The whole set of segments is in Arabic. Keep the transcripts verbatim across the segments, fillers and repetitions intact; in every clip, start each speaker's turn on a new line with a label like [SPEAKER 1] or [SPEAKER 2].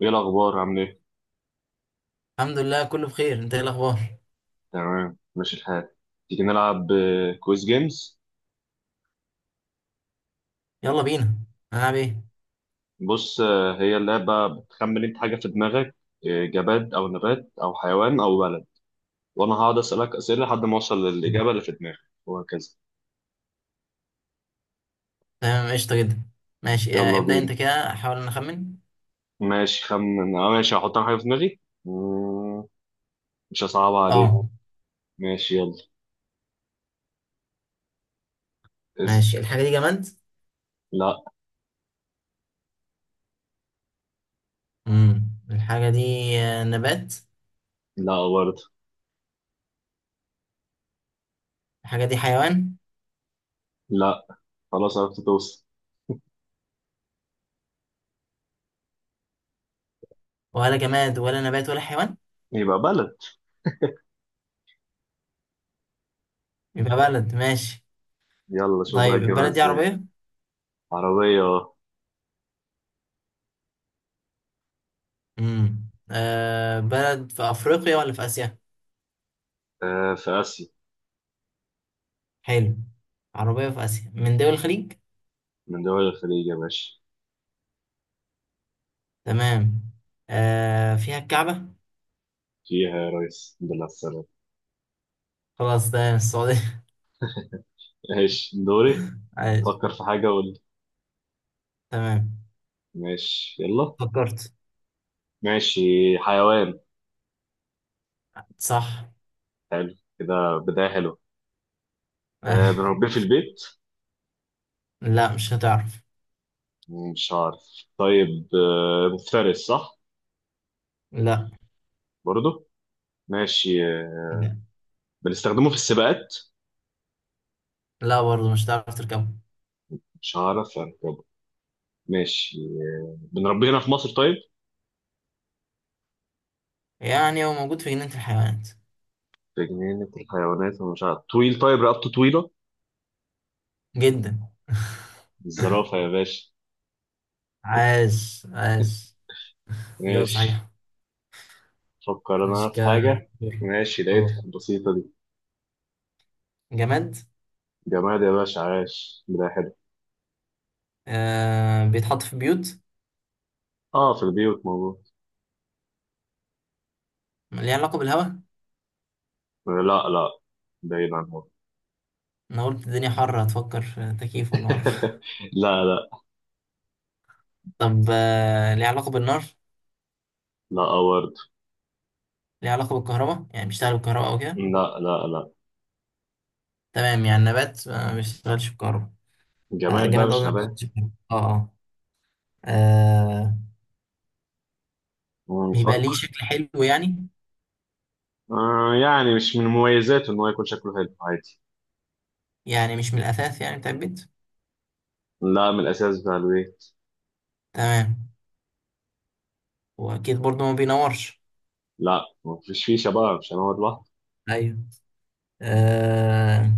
[SPEAKER 1] ايه الاخبار؟ عامل ايه؟
[SPEAKER 2] الحمد لله كله بخير. انت ايه الاخبار؟
[SPEAKER 1] تمام، ماشي الحال. تيجي نلعب آه، كويز جيمز.
[SPEAKER 2] يلا بينا. هنلعب ايه؟
[SPEAKER 1] بص، آه، هي اللعبه بتخمن انت حاجه في دماغك. آه، جماد او نبات او حيوان او بلد. وانا هقعد اسالك اسئله لحد ما اوصل للاجابه اللي في دماغك. وهكذا.
[SPEAKER 2] تمام قشطه جدا. ماشي آه
[SPEAKER 1] يلا
[SPEAKER 2] ابدا انت
[SPEAKER 1] بينا.
[SPEAKER 2] كده احاول ان اخمن.
[SPEAKER 1] ماشي، خمن. اه ماشي، هحط انا حاجه في دماغي. مم، مش هصعبها عليك.
[SPEAKER 2] اه
[SPEAKER 1] ماشي، يلا. اسال.
[SPEAKER 2] ماشي. الحاجه دي جماد؟
[SPEAKER 1] لا.
[SPEAKER 2] امم الحاجه دي آه، نبات؟
[SPEAKER 1] لا برضه.
[SPEAKER 2] الحاجه دي حيوان؟
[SPEAKER 1] لا. خلاص، عرفت توصل.
[SPEAKER 2] ولا جماد ولا نبات ولا حيوان؟
[SPEAKER 1] يبقى بلد.
[SPEAKER 2] يبقى بلد ماشي.
[SPEAKER 1] يلا شوف بقى
[SPEAKER 2] طيب
[SPEAKER 1] هتجيبها
[SPEAKER 2] البلد دي
[SPEAKER 1] ازاي.
[SPEAKER 2] عربيه؟
[SPEAKER 1] عربيه.
[SPEAKER 2] امم آه بلد في افريقيا ولا في اسيا؟
[SPEAKER 1] آه، في اسيا.
[SPEAKER 2] حلو. عربيه في اسيا من دول الخليج؟
[SPEAKER 1] من دول الخليج يا باشا.
[SPEAKER 2] تمام. آه فيها الكعبه؟
[SPEAKER 1] فيها يا ريس، الحمد لله على السلامة.
[SPEAKER 2] خلاص تمام السعوديه.
[SPEAKER 1] ماشي، دوري.
[SPEAKER 2] عايش.
[SPEAKER 1] فكر في حاجة قول لي.
[SPEAKER 2] تمام
[SPEAKER 1] ماشي، يلا.
[SPEAKER 2] فكرت.
[SPEAKER 1] ماشي. حيوان.
[SPEAKER 2] صح.
[SPEAKER 1] حلو، كده بداية حلوة. أه
[SPEAKER 2] أيوة.
[SPEAKER 1] بنربيه في البيت.
[SPEAKER 2] لا مش هتعرف.
[SPEAKER 1] مش عارف، طيب، أه مفترس صح؟
[SPEAKER 2] لا
[SPEAKER 1] برضه. ماشي، أه
[SPEAKER 2] لا.
[SPEAKER 1] بنستخدمه في السباقات.
[SPEAKER 2] لا برضه مش هتعرف تركبه.
[SPEAKER 1] مش عارف أركبه. ماشي، أه بنربيه هنا في مصر؟ طيب،
[SPEAKER 2] يعني هو موجود في جنينة الحيوانات.
[SPEAKER 1] في جنينة الحيوانات، ومش عارف. طويل؟ طيب، رقبته طويلة.
[SPEAKER 2] جدا.
[SPEAKER 1] الزرافة يا باشا.
[SPEAKER 2] عاش عاش. ايوه
[SPEAKER 1] ماشي.
[SPEAKER 2] صحيح.
[SPEAKER 1] فكر انا
[SPEAKER 2] مش ك
[SPEAKER 1] في حاجة. ماشي، لقيتها
[SPEAKER 2] أوه.
[SPEAKER 1] بسيطة دي.
[SPEAKER 2] جماد.
[SPEAKER 1] جماد يا باشا، عاش، بداية حلوة.
[SPEAKER 2] آه بيتحط في بيوت.
[SPEAKER 1] اه، في البيوت موجود.
[SPEAKER 2] ليه علاقة بالهواء؟
[SPEAKER 1] لا لا، بعيد عن هون.
[SPEAKER 2] انا قلت الدنيا حر، هتفكر في تكييف ولا مرة.
[SPEAKER 1] لا لا
[SPEAKER 2] طب، آه ليه علاقة بالنار؟
[SPEAKER 1] لا. آه، برضه.
[SPEAKER 2] ليه علاقة بالكهرباء، يعني بيشتغل بالكهرباء او كده؟
[SPEAKER 1] لا لا لا.
[SPEAKER 2] تمام. يعني نبات آه، ما بيشتغلش بالكهرباء. آه
[SPEAKER 1] جماد بقى
[SPEAKER 2] جماد
[SPEAKER 1] مش
[SPEAKER 2] قصدي ما بيشتغلش
[SPEAKER 1] نبات.
[SPEAKER 2] بالكهرباء. اه اه. آه.
[SPEAKER 1] مم،
[SPEAKER 2] بيبقى ليه
[SPEAKER 1] نفكر.
[SPEAKER 2] شكل حلو يعني؟
[SPEAKER 1] آه يعني مش من مميزاته ان هو يكون شكله حلو، عادي.
[SPEAKER 2] يعني مش من الأساس يعني بتاع البيت؟
[SPEAKER 1] لا، من الاساس بتاع البيت.
[SPEAKER 2] تمام. وأكيد برضه ما بينورش.
[SPEAKER 1] لا، مفيش فيه شباب، مش هنقعد لوحده.
[SPEAKER 2] أيوه. آه.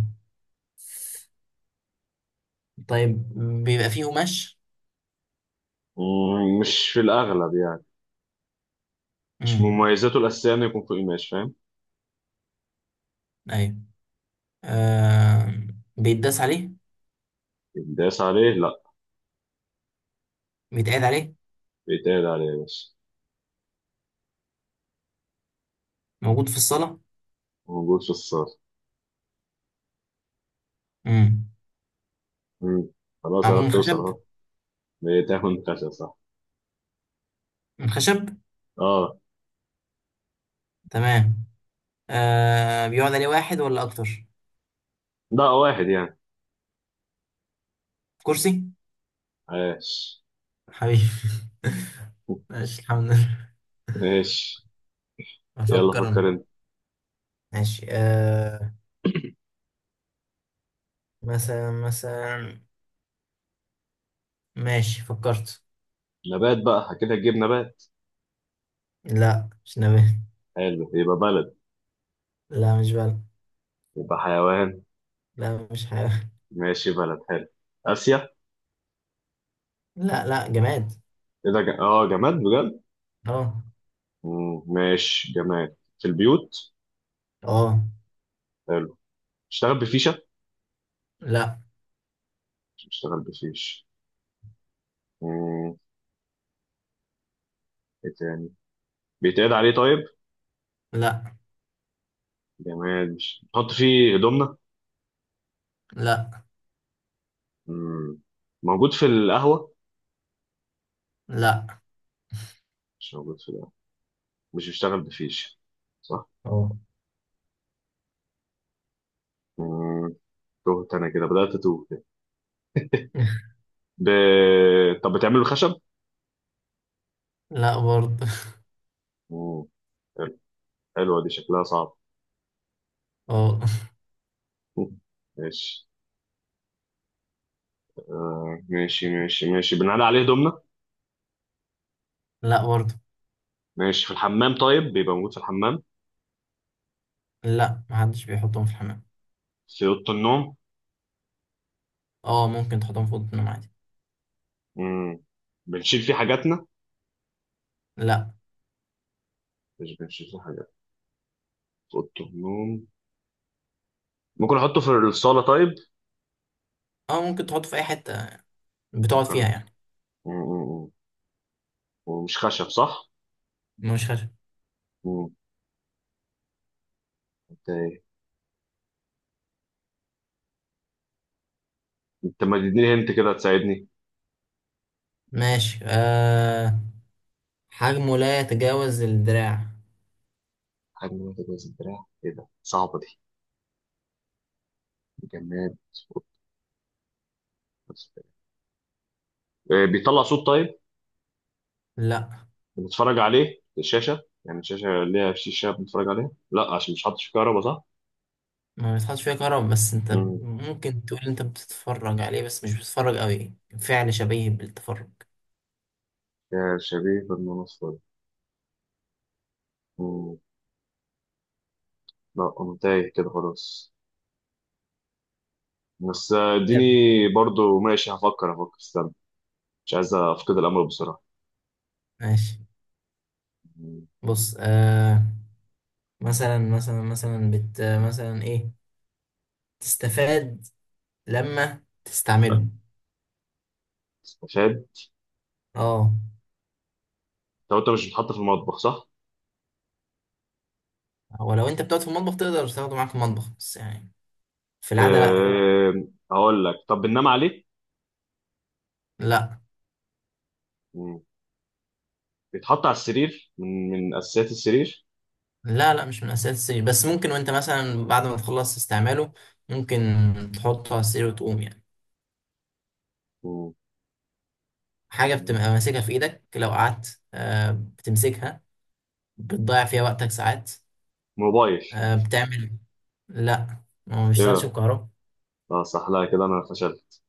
[SPEAKER 2] طيب. بيبقى فيه قماش؟
[SPEAKER 1] مم، مش في الاغلب يعني. مش من
[SPEAKER 2] امم.
[SPEAKER 1] مميزاته الاساسيه انه يكون فوق قماش، فاهم.
[SPEAKER 2] أيوه. آه. بيتداس عليه؟
[SPEAKER 1] يتداس عليه لا.
[SPEAKER 2] بيتقعد عليه؟
[SPEAKER 1] بيتقعد عليه يا باشا.
[SPEAKER 2] موجود في الصالة.
[SPEAKER 1] موجود في الصالة.
[SPEAKER 2] امم.
[SPEAKER 1] مم. خلاص
[SPEAKER 2] معمول
[SPEAKER 1] عرفت
[SPEAKER 2] من
[SPEAKER 1] توصل
[SPEAKER 2] خشب؟
[SPEAKER 1] اهو. بتاخد خشب صح؟
[SPEAKER 2] من خشب.
[SPEAKER 1] اه.
[SPEAKER 2] تمام. آه بيقعد عليه واحد ولا أكتر؟
[SPEAKER 1] ده واحد يعني.
[SPEAKER 2] كرسي.
[SPEAKER 1] عاش.
[SPEAKER 2] حبيبي. ماشي الحمد لله.
[SPEAKER 1] ماشي، يلا
[SPEAKER 2] بفكر أنا.
[SPEAKER 1] فكر انت.
[SPEAKER 2] ماشي آه مثلا مثلا. ماشي فكرت.
[SPEAKER 1] نبات بقى كده تجيب نبات.
[SPEAKER 2] لا مش نبات.
[SPEAKER 1] حلو، يبقى بلد.
[SPEAKER 2] لا مش بلد.
[SPEAKER 1] يبقى حيوان.
[SPEAKER 2] لا مش حيوان.
[SPEAKER 1] ماشي، بلد حلو. آسيا.
[SPEAKER 2] لا لا جماد.
[SPEAKER 1] كده ج... اه جماد بجد.
[SPEAKER 2] اه
[SPEAKER 1] مم. ماشي، جماد في البيوت.
[SPEAKER 2] اه.
[SPEAKER 1] حلو. اشتغل بفيشة.
[SPEAKER 2] لا.
[SPEAKER 1] اشتغل بفيش. مم. ايه تاني؟ بيتقعد عليه طيب؟
[SPEAKER 2] لا.
[SPEAKER 1] جماد، مش نحط فيه هدومنا.
[SPEAKER 2] لا.
[SPEAKER 1] مم. موجود في القهوة؟
[SPEAKER 2] لا.
[SPEAKER 1] مش موجود في القهوة. مش بيشتغل بفيش صح.
[SPEAKER 2] اه.
[SPEAKER 1] مم، تهت انا كده، بدأت اتوه كده. ب... طب بتعمله خشب؟
[SPEAKER 2] لا برضه.
[SPEAKER 1] مم، حلو. حلوة دي، شكلها صعب.
[SPEAKER 2] اه.
[SPEAKER 1] مم، ماشي. آه ماشي ماشي ماشي، بنعلي عليه دومنا.
[SPEAKER 2] لا برضه.
[SPEAKER 1] ماشي، في الحمام؟ طيب، بيبقى موجود في الحمام؟
[SPEAKER 2] لا محدش بيحطهم في الحمام.
[SPEAKER 1] في أوضة النوم.
[SPEAKER 2] اه ممكن تحطهم في اوضه النوم عادي.
[SPEAKER 1] مم. بنشيل فيه حاجاتنا.
[SPEAKER 2] لا.
[SPEAKER 1] مش بنشيل فيه حاجات. في أوضة النوم. ممكن أحطه في الصالة طيب؟
[SPEAKER 2] اه ممكن تحطه في اي حته بتقعد
[SPEAKER 1] ممكن.
[SPEAKER 2] فيها
[SPEAKER 1] مم،
[SPEAKER 2] يعني.
[SPEAKER 1] مم، مم. ومش خشب صح؟
[SPEAKER 2] مش خارج.
[SPEAKER 1] مم. أنت إيه؟ أنت ما تديني، هنت كده تساعدني.
[SPEAKER 2] ماشي آه حجمه لا يتجاوز الدراع.
[SPEAKER 1] حجم واحد، وزن دراع، ايه ده؟ صعبة دي. جماد بس. آه، بيطلع صوت طيب؟
[SPEAKER 2] لا
[SPEAKER 1] بنتفرج عليه؟ الشاشة يعني، الشاشة ليها شاشة بنتفرج عليها لا، عشان مش حاطط فيه كهرباء صح؟
[SPEAKER 2] ما بيتحطش فيها كهرباء، بس انت
[SPEAKER 1] مم.
[SPEAKER 2] ممكن تقول انت بتتفرج عليه، بس مش بتتفرج قوي. فعل شبيه بالتفرج.
[SPEAKER 1] يا شبيه بالمنصة دي. مم. لا أنا تايه كده، خلاص. بس آه، اديني.
[SPEAKER 2] طيب.
[SPEAKER 1] برضو ماشي، هفكر هفكر، استنى. مش عايز أفقد الأمل بسرعة.
[SPEAKER 2] ماشي.
[SPEAKER 1] مم.
[SPEAKER 2] بص آه مثلا مثلا مثلا بت مثلا ايه تستفاد لما
[SPEAKER 1] آه،
[SPEAKER 2] تستعمله.
[SPEAKER 1] استفاد.
[SPEAKER 2] اه
[SPEAKER 1] طب أنت مش بتحط في المطبخ صح؟
[SPEAKER 2] ولو انت بتقعد في المطبخ تقدر تاخده معاك في المطبخ، بس يعني في
[SPEAKER 1] لا.
[SPEAKER 2] العادة لا يعني.
[SPEAKER 1] أه... هقول لك، طب بننام عليه؟
[SPEAKER 2] لا.
[SPEAKER 1] مم. بيتحط على السرير، من من أساسيات السرير.
[SPEAKER 2] لا لا مش من اساسيات السرير، بس ممكن وانت مثلا بعد ما تخلص استعماله ممكن تحطه على السرير وتقوم يعني.
[SPEAKER 1] مم.
[SPEAKER 2] حاجة
[SPEAKER 1] جميل.
[SPEAKER 2] بتبقى ماسكها في إيدك لو قعدت آه، بتمسكها. بتضيع فيها وقتك ساعات.
[SPEAKER 1] موبايل؟
[SPEAKER 2] آه، بتعمل. لا ما هو
[SPEAKER 1] ايه
[SPEAKER 2] بيشتغلش
[SPEAKER 1] ده،
[SPEAKER 2] بكهرباء.
[SPEAKER 1] اه صح. لا كده انا فشلت.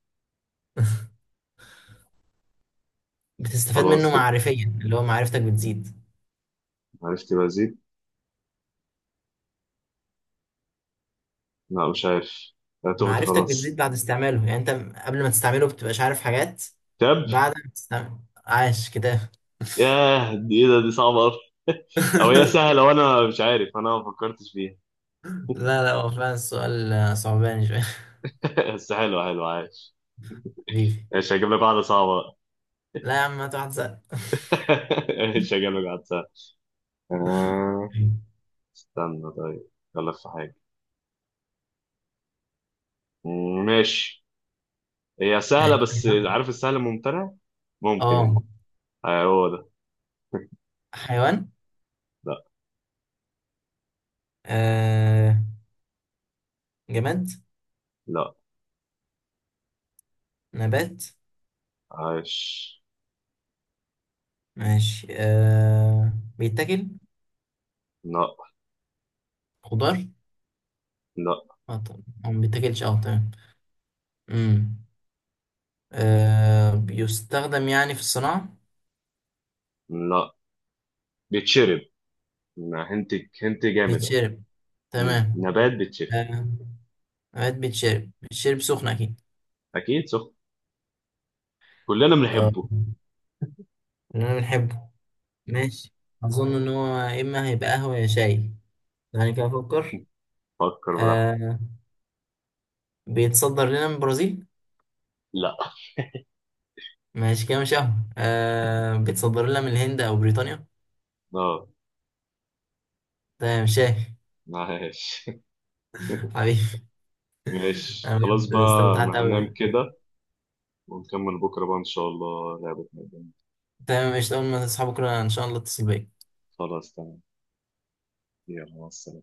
[SPEAKER 2] بتستفاد منه
[SPEAKER 1] خلاص كده،
[SPEAKER 2] معرفيا، اللي هو معرفتك بتزيد.
[SPEAKER 1] عرفت بزيد. لا مش عارف، انا تهت
[SPEAKER 2] معرفتك بتزيد
[SPEAKER 1] خلاص.
[SPEAKER 2] بعد استعماله، يعني أنت قبل ما تستعمله بتبقاش عارف حاجات.
[SPEAKER 1] تاب.
[SPEAKER 2] بعد ما تستعمل. عاش كده.
[SPEAKER 1] ياه دي ايه ده، دي صعبة أوي. او هي سهلة وانا مش عارف، انا ما فكرتش فيها.
[SPEAKER 2] لا لا، هو فعلا السؤال آه، صعباني شوية.
[SPEAKER 1] بس حلو، حلو، عايش.
[SPEAKER 2] حبيبي.
[SPEAKER 1] مش هجيب لك واحدة صعبة بقى.
[SPEAKER 2] لا يا عم هات واحد سهل.
[SPEAKER 1] مش هجيب لك واحدة سهلة. آه، استنى طيب، غلط في حاجة. مم، ماشي. هي سهلة بس،
[SPEAKER 2] حيوان.
[SPEAKER 1] عارف السهل الممتنع؟ ممكن يعني.
[SPEAKER 2] اه
[SPEAKER 1] آه، هو ده.
[SPEAKER 2] حيوان.
[SPEAKER 1] لا.
[SPEAKER 2] آه جماد.
[SPEAKER 1] لا
[SPEAKER 2] نبات.
[SPEAKER 1] عايش.
[SPEAKER 2] ماشي آه... بيتاكل.
[SPEAKER 1] لا
[SPEAKER 2] خضار.
[SPEAKER 1] لا
[SPEAKER 2] اه طبعا هو ما بيتاكلش. اه تمام. امم. آه... بيستخدم يعني في الصناعة.
[SPEAKER 1] لا. بيتشرب. أنا هنت، هنت جامد اهو.
[SPEAKER 2] بيتشرب.
[SPEAKER 1] مم.
[SPEAKER 2] تمام.
[SPEAKER 1] نبات بيتشرب.
[SPEAKER 2] آه... اوقات بيتشرب. بيتشرب سخن اكيد.
[SPEAKER 1] اكيد سخن. كلنا
[SPEAKER 2] اه.
[SPEAKER 1] بنحبه.
[SPEAKER 2] اللي انا بنحبه. ماشي. اظن ان هو يا اما هيبقى قهوة يا شاي، يعني كده افكر.
[SPEAKER 1] فكر براحتك.
[SPEAKER 2] آه... بيتصدر لنا من البرازيل؟
[SPEAKER 1] لا.
[SPEAKER 2] ماشي كده مش قهوة. آه... بيتصدر لنا من الهند او بريطانيا؟
[SPEAKER 1] اه.
[SPEAKER 2] تمام شاي.
[SPEAKER 1] ماشي.
[SPEAKER 2] حبيبي.
[SPEAKER 1] ماشي
[SPEAKER 2] انا
[SPEAKER 1] خلاص
[SPEAKER 2] بجد
[SPEAKER 1] بقى،
[SPEAKER 2] استمتعت
[SPEAKER 1] انا هنام
[SPEAKER 2] قوي.
[SPEAKER 1] كده. ونكمل بكره بقى ان شاء الله لعبة ميدان.
[SPEAKER 2] تمام قشطة. أول ما تصحابك كده إن شاء الله اتصل بيا.
[SPEAKER 1] خلاص تمام. يلا، مع السلامه.